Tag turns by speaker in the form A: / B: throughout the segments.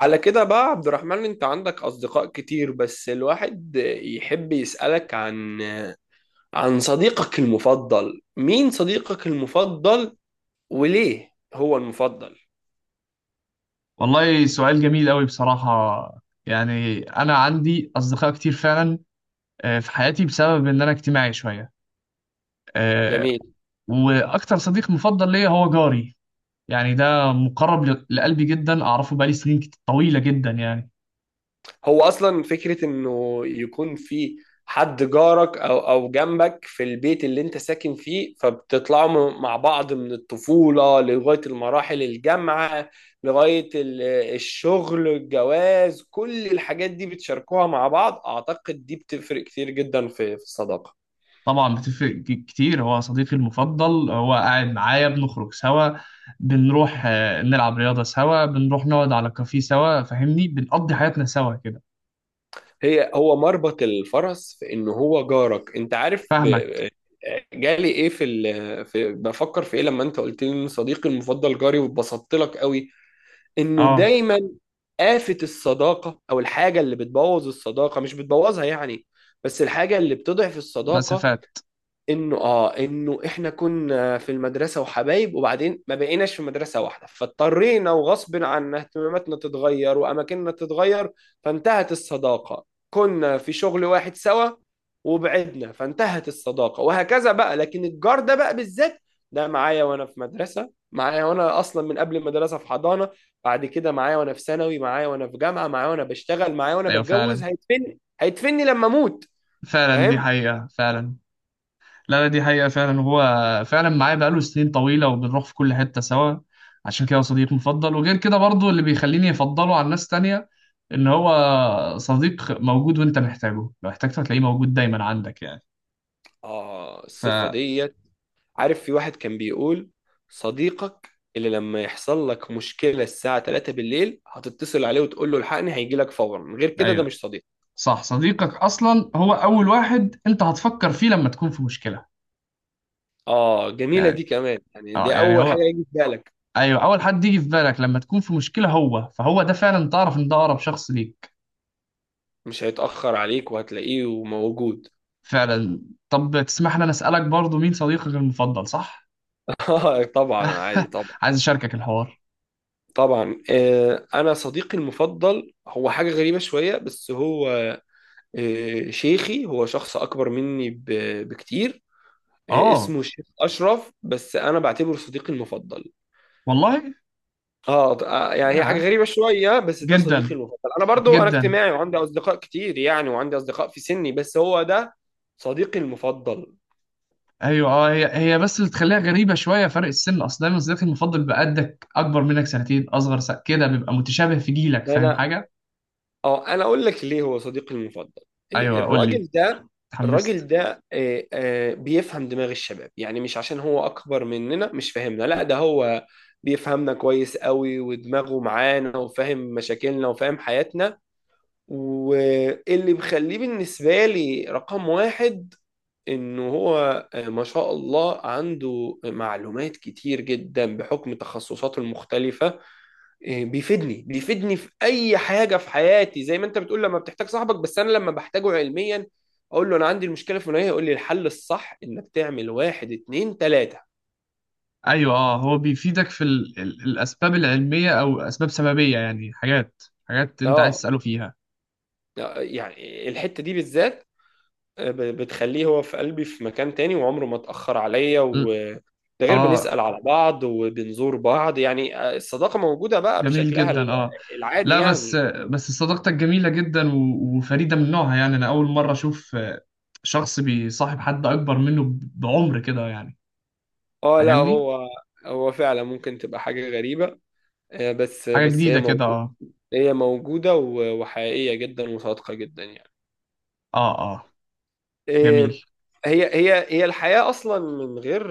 A: على كده بقى عبد الرحمن، انت عندك اصدقاء كتير بس الواحد يحب يسألك عن صديقك المفضل. مين صديقك المفضل وليه هو المفضل؟
B: والله سؤال جميل قوي بصراحة، يعني أنا عندي أصدقاء كتير فعلا. في حياتي بسبب إن أنا اجتماعي شوية. آه،
A: جميل.
B: وأكتر صديق مفضل ليا هو جاري، يعني ده مقرب لقلبي جدا. أعرفه بقالي سنين طويلة جدا يعني.
A: هو اصلا فكره انه يكون في حد جارك او جنبك في البيت اللي انت ساكن فيه، فبتطلعوا مع بعض من الطفوله لغايه المراحل الجامعه، لغايه الشغل، الجواز، كل الحاجات دي بتشاركوها مع بعض. اعتقد دي بتفرق كتير جدا في الصداقه.
B: طبعا بتفرق كتير. هو صديقي المفضل، هو قاعد معايا، بنخرج سوا، بنروح نلعب رياضة سوا، بنروح نقعد على كافيه سوا، فاهمني، بنقضي حياتنا سوا كده.
A: هو مربط الفرس، في ان هو جارك. انت عارف.
B: فاهمك.
A: جالي ايه في بفكر في ايه لما انت قلت لي ان صديقي المفضل جاري، واتبسطت لك قوي انه
B: اه.
A: دايما آفة الصداقة او الحاجة اللي بتبوظ الصداقة، مش بتبوظها يعني بس الحاجة اللي بتضعف الصداقة،
B: مسافات.
A: انه احنا كنا في المدرسه وحبايب، وبعدين ما بقيناش في مدرسه واحده، فاضطرينا وغصب عنا اهتماماتنا تتغير واماكننا تتغير فانتهت الصداقه. كنا في شغل واحد سوا وبعدنا فانتهت الصداقه، وهكذا بقى. لكن الجار ده بقى بالذات، ده معايا وانا في مدرسه، معايا وانا اصلا من قبل المدرسه في حضانه، بعد كده معايا وانا في ثانوي، معايا وانا في جامعه، معايا وانا بشتغل، معايا وانا
B: ايوه
A: بتجوز،
B: فعلا.
A: هيدفني لما اموت.
B: فعلا دي
A: فاهم؟
B: حقيقة فعلا. لا لا، دي حقيقة فعلا. هو فعلا معايا بقاله سنين طويلة، وبنروح في كل حتة سوا. عشان كده هو صديق مفضل، وغير كده برضو اللي بيخليني أفضله على ناس تانية إن هو صديق موجود، وأنت محتاجه لو احتجته هتلاقيه موجود دايما عندك يعني.
A: اه، الصفه
B: فا
A: دي. عارف في واحد كان بيقول صديقك اللي لما يحصل لك مشكلة الساعة 3 بالليل هتتصل عليه وتقول له الحقني، هيجي لك فورا. من غير كده ده
B: أيوه
A: مش صديق.
B: صح. صديقك أصلا هو أول واحد أنت هتفكر فيه لما تكون في مشكلة.
A: اه، جميلة دي
B: يعني
A: كمان. يعني
B: أه
A: دي
B: يعني
A: اول حاجة
B: هو،
A: هيجي في بالك،
B: أيوه، أول حد يجي في بالك لما تكون في مشكلة، فهو ده فعلا. تعرف إن ده أقرب شخص ليك.
A: مش هيتأخر عليك وهتلاقيه موجود.
B: فعلا. طب تسمح لي انا اسالك برضو، مين صديقك المفضل؟ صح.
A: اه طبعا، عادي طبعا.
B: عايز اشاركك الحوار.
A: طبعا انا صديقي المفضل هو حاجة غريبة شوية، بس هو شيخي، هو شخص اكبر مني بكتير.
B: اه
A: اسمه الشيخ اشرف بس انا بعتبره صديقي المفضل.
B: والله.
A: اه. يعني هي حاجه
B: يا،
A: غريبه شويه بس ده صديقي
B: جدا
A: المفضل. انا برضو انا
B: جدا.
A: اجتماعي وعندي اصدقاء كتير يعني، وعندي اصدقاء في سني بس هو ده صديقي المفضل.
B: ايوه اه. هي هي بس اللي تخليها غريبه شويه فرق السن. اصل دايما صديقك المفضل بقدك، اكبر منك سنتين، اصغر كده، بيبقى متشابه في جيلك. فاهم
A: انا
B: حاجه؟
A: اه انا اقول لك ليه هو صديقي المفضل. إيه،
B: ايوه قول لي.
A: الراجل ده الراجل
B: اتحمست.
A: ده إيه، آه، بيفهم دماغ الشباب. يعني مش عشان هو اكبر مننا مش فاهمنا، لا ده هو بيفهمنا كويس قوي ودماغه معانا وفاهم مشاكلنا وفاهم حياتنا. واللي مخليه بالنسبه لي رقم واحد انه هو ما شاء الله عنده معلومات كتير جدا بحكم تخصصاته المختلفة. بيفيدني في اي حاجة في حياتي. زي ما انت بتقول لما بتحتاج صاحبك، بس انا لما بحتاجه علميا اقول له انا عندي المشكلة في منوية، يقول لي الحل الصح انك تعمل واحد اتنين تلاتة.
B: ايوه اه، هو بيفيدك في الاسباب العلميه او اسباب سببيه، يعني حاجات حاجات انت عايز
A: اه،
B: تساله فيها.
A: يعني الحتة دي بالذات بتخليه هو في قلبي في مكان تاني، وعمره ما اتأخر عليا.
B: م.
A: و ده غير
B: اه،
A: بنسأل على بعض وبنزور بعض، يعني الصداقة موجودة بقى
B: جميل
A: بشكلها
B: جدا. اه
A: العادي
B: لا، بس
A: يعني.
B: بس صداقتك جميلة جدا وفريدة من نوعها. يعني انا اول مرة اشوف شخص بيصاحب حد اكبر منه بعمر كده يعني.
A: اه لا،
B: فاهمني؟
A: هو فعلا ممكن تبقى حاجة غريبة. آه، بس
B: حاجة
A: بس هي
B: جديدة كده
A: موجودة.
B: اه.
A: هي موجودة وحقيقية جدا وصادقة جدا يعني.
B: اه اه
A: إيه،
B: جميل.
A: هي هي هي الحياة أصلا من غير،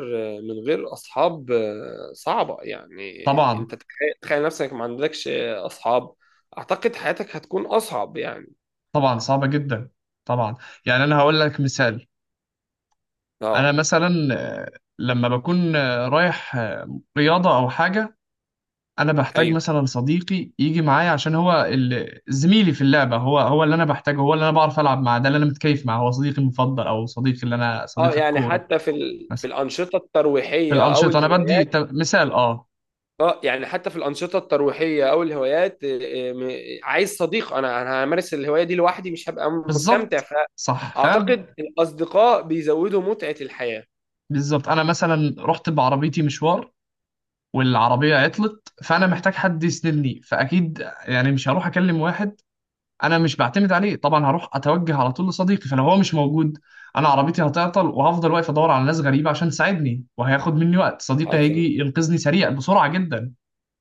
A: من غير أصحاب صعبة يعني.
B: طبعا.
A: أنت تخيل، تخيل نفسك ما عندكش أصحاب، أعتقد حياتك هتكون أصعب يعني.
B: طبعا صعبة جدا، طبعا. يعني انا هقول لك مثال. انا
A: أه
B: مثلا، آه، لما بكون رايح رياضة او حاجة، انا بحتاج
A: أيوه
B: مثلا صديقي يجي معايا، عشان هو زميلي في اللعبه. هو هو اللي انا بحتاجه، هو اللي انا بعرف العب معاه، ده اللي انا متكيف معاه. هو صديقي المفضل، او صديقي اللي انا
A: أه،
B: صديقي
A: يعني
B: الكوره.
A: حتى في في
B: مثلا
A: الأنشطة
B: في
A: الترويحية أو
B: الانشطه انا بدي
A: الهوايات.
B: مثال اه.
A: أه يعني حتى في الأنشطة الترويحية أو الهوايات، عايز صديق. أنا همارس الهواية دي لوحدي مش هبقى مستمتع.
B: بالظبط، صح فعلا.
A: فأعتقد الأصدقاء بيزودوا متعة الحياة.
B: بالظبط. انا مثلا رحت بعربيتي مشوار، والعربيه عطلت، فانا محتاج حد يسندني، فاكيد يعني مش هروح اكلم واحد انا مش بعتمد عليه. طبعا هروح اتوجه على طول لصديقي، فلو هو مش موجود، انا عربيتي هتعطل، وهفضل واقف ادور على ناس غريبه عشان تساعدني، وهياخد مني وقت. صديقي
A: حصل،
B: هيجي ينقذني سريع بسرعه جدا،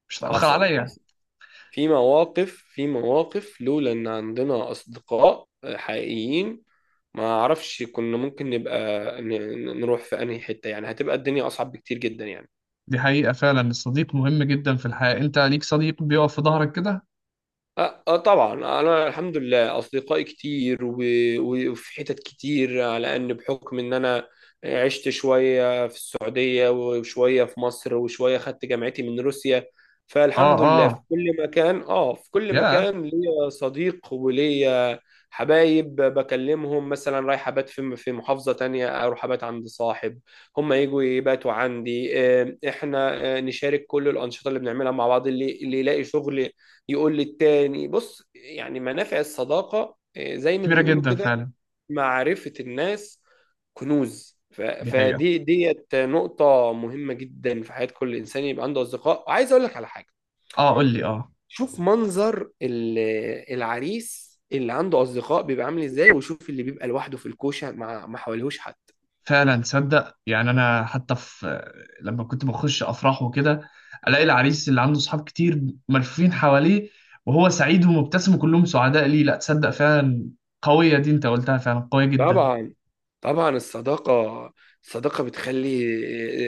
B: مش هتاخر
A: حصل
B: عليا.
A: حصل. في مواقف لولا ان عندنا اصدقاء حقيقيين ما اعرفش كنا ممكن نبقى نروح في انهي حتة. يعني هتبقى الدنيا اصعب بكتير جدا يعني.
B: دي حقيقه فعلا. الصديق مهم جدا في الحياه، انت ليك صديق بيقف في ظهرك كده.
A: اه، طبعا. انا الحمد لله اصدقائي كتير، وفي حتت كتير، على ان بحكم ان انا عشت شويه في السعوديه وشويه في مصر وشويه خدت جامعتي من روسيا.
B: اه
A: فالحمد
B: اه،
A: لله في كل مكان اه في كل
B: يا،
A: مكان ليا صديق وليا حبايب بكلمهم. مثلا رايح ابات في محافظه تانية، اروح ابات عند صاحب، هم يجوا يباتوا عندي. احنا نشارك كل الانشطه اللي بنعملها مع بعض، اللي يلاقي شغل يقول للتاني بص. يعني منافع الصداقة، زي ما
B: كبيره
A: بيقولوا
B: جدا
A: كده،
B: فعلا.
A: معرفة الناس كنوز.
B: دي حقيقه.
A: فدي ديت نقطة مهمة جدا في حياة كل إنسان يبقى عنده أصدقاء. وعايز أقول لك على حاجة،
B: اه قول لي. اه
A: شوف منظر العريس اللي عنده أصدقاء بيبقى عامل إزاي، وشوف اللي بيبقى لوحده في الكوشة مع ما حواليهوش حد.
B: فعلا. تصدق يعني انا حتى في، لما كنت بخش افراح وكده، الاقي العريس اللي عنده صحاب كتير، ملفوفين حواليه، وهو سعيد ومبتسم، وكلهم سعداء ليه. لا تصدق فعلا، قوية دي انت قلتها، فعلا قوية جدا.
A: طبعا. طبعا الصداقة بتخلي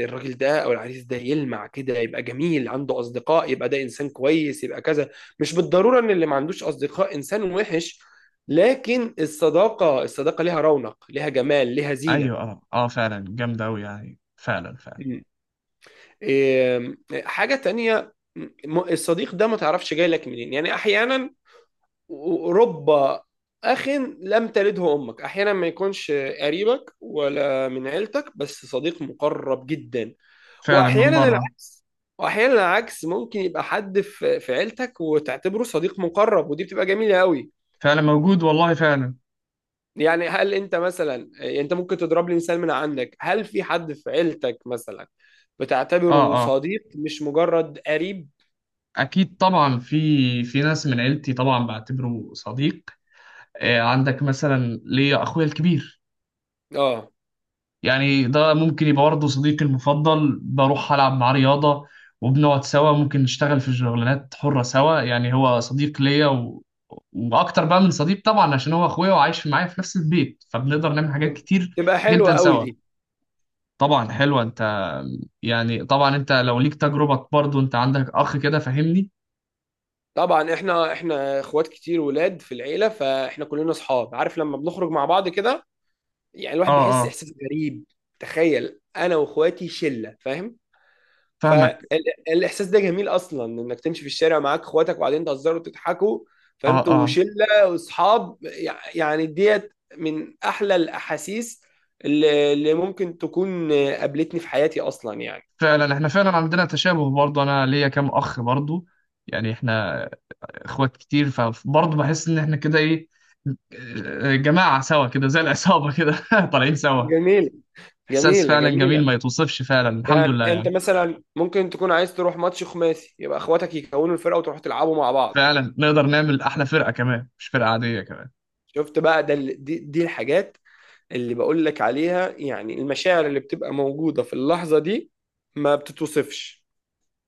A: الراجل ده أو العريس ده يلمع كده. يبقى جميل عنده أصدقاء، يبقى ده إنسان كويس، يبقى كذا. مش بالضرورة إن اللي ما عندوش أصدقاء إنسان وحش، لكن الصداقة ليها رونق، ليها جمال، ليها زينة.
B: ايوه اه اه، فعلا جامدة اوي، يعني فعلا فعلا.
A: مم. إيه، حاجة تانية. الصديق ده ما تعرفش جاي لك منين. يعني أحيانا رب أخ لم تلده أمك، أحيانا ما يكونش قريبك ولا من عيلتك بس صديق مقرب جدا.
B: فعلا من
A: واحيانا
B: بره.
A: العكس. واحيانا العكس ممكن يبقى حد في عيلتك وتعتبره صديق مقرب، ودي بتبقى جميله قوي.
B: فعلا موجود والله فعلا.
A: يعني هل انت مثلا، يعني انت ممكن تضرب لي مثال من عندك، هل في حد في عيلتك مثلا
B: اه
A: بتعتبره
B: اه،
A: صديق مش مجرد قريب؟
B: اكيد طبعا، في ناس من عيلتي طبعا بعتبره صديق. عندك مثلا ليا اخويا الكبير،
A: اه،
B: يعني ده ممكن يبقى برضه صديقي المفضل. بروح ألعب معاه رياضة، وبنقعد سوا، ممكن نشتغل في شغلانات حرة سوا، يعني هو صديق ليا وأكتر بقى من صديق طبعا، عشان هو أخويا وعايش معايا في نفس البيت، فبنقدر نعمل حاجات
A: تب-
B: كتير
A: تبقى حلوه
B: جدا
A: قوي
B: سوا.
A: دي.
B: طبعا حلوة أنت. يعني طبعا أنت لو ليك تجربة برضه، أنت عندك أخ كده، فاهمني؟
A: طبعا احنا، اخوات كتير ولاد في العيله، فاحنا كلنا اصحاب. عارف لما بنخرج مع بعض كده، يعني
B: أه
A: الواحد بيحس
B: أه.
A: احساس غريب. تخيل انا واخواتي شله، فاهم؟
B: فاهمك.
A: فالاحساس ده جميل اصلا، انك تمشي في الشارع معاك اخواتك وبعدين تهزروا وتضحكوا،
B: أه
A: فانتوا
B: أه.
A: شله واصحاب، يعني ديت من احلى الاحاسيس اللي ممكن تكون قابلتني في حياتي اصلا يعني.
B: فعلا احنا فعلا عندنا تشابه، برضه أنا ليا كام أخ برضه، يعني احنا اخوات كتير، فبرضه بحس ان احنا كده ايه، جماعة سوا كده، زي العصابة كده طالعين سوا.
A: جميلة،
B: احساس
A: جميلة
B: فعلا جميل
A: جميلة.
B: ما يتوصفش، فعلا الحمد لله
A: يعني انت
B: يعني.
A: مثلا ممكن تكون عايز تروح ماتش خماسي يبقى اخواتك يكونوا الفرقة وتروحوا تلعبوا مع بعض.
B: فعلا نقدر نعمل احلى فرقة كمان، مش فرقة عادية كمان.
A: شفت بقى ده دي الحاجات اللي بقول لك عليها، يعني المشاعر اللي بتبقى موجودة في اللحظة دي ما بتتوصفش.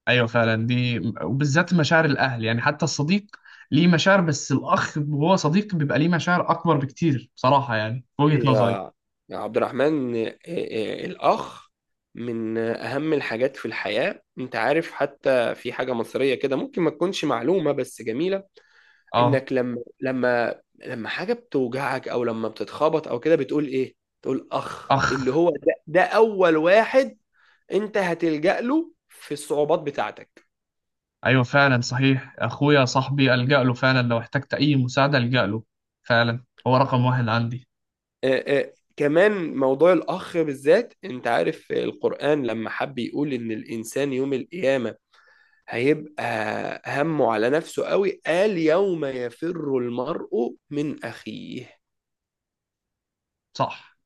B: ايوه فعلا، دي وبالذات مشاعر الاهل. يعني حتى الصديق ليه مشاعر، بس الاخ وهو صديق بيبقى ليه مشاعر اكبر بكتير بصراحة، يعني في وجهة نظري.
A: يا يا عبد الرحمن، إيه- إيه، الأخ من أهم الحاجات في الحياة. أنت عارف حتى في حاجة مصرية كده ممكن ما تكونش معلومة بس جميلة،
B: اه،
A: إنك لما حاجة بتوجعك أو لما بتتخبط أو كده بتقول إيه؟ تقول أخ. اللي
B: اخ.
A: هو ده أول واحد أنت هتلجأ له في الصعوبات بتاعتك.
B: ايوه فعلا، صحيح اخويا صاحبي الجأ له فعلا، لو احتجت اي مساعدة الجأ له. فعلا هو رقم واحد عندي.
A: كمان موضوع الأخ بالذات. أنت عارف القرآن لما حب يقول إن الإنسان يوم القيامة هيبقى همه على نفسه قوي، قال: يوم يفر المرء من أخيه.
B: صح.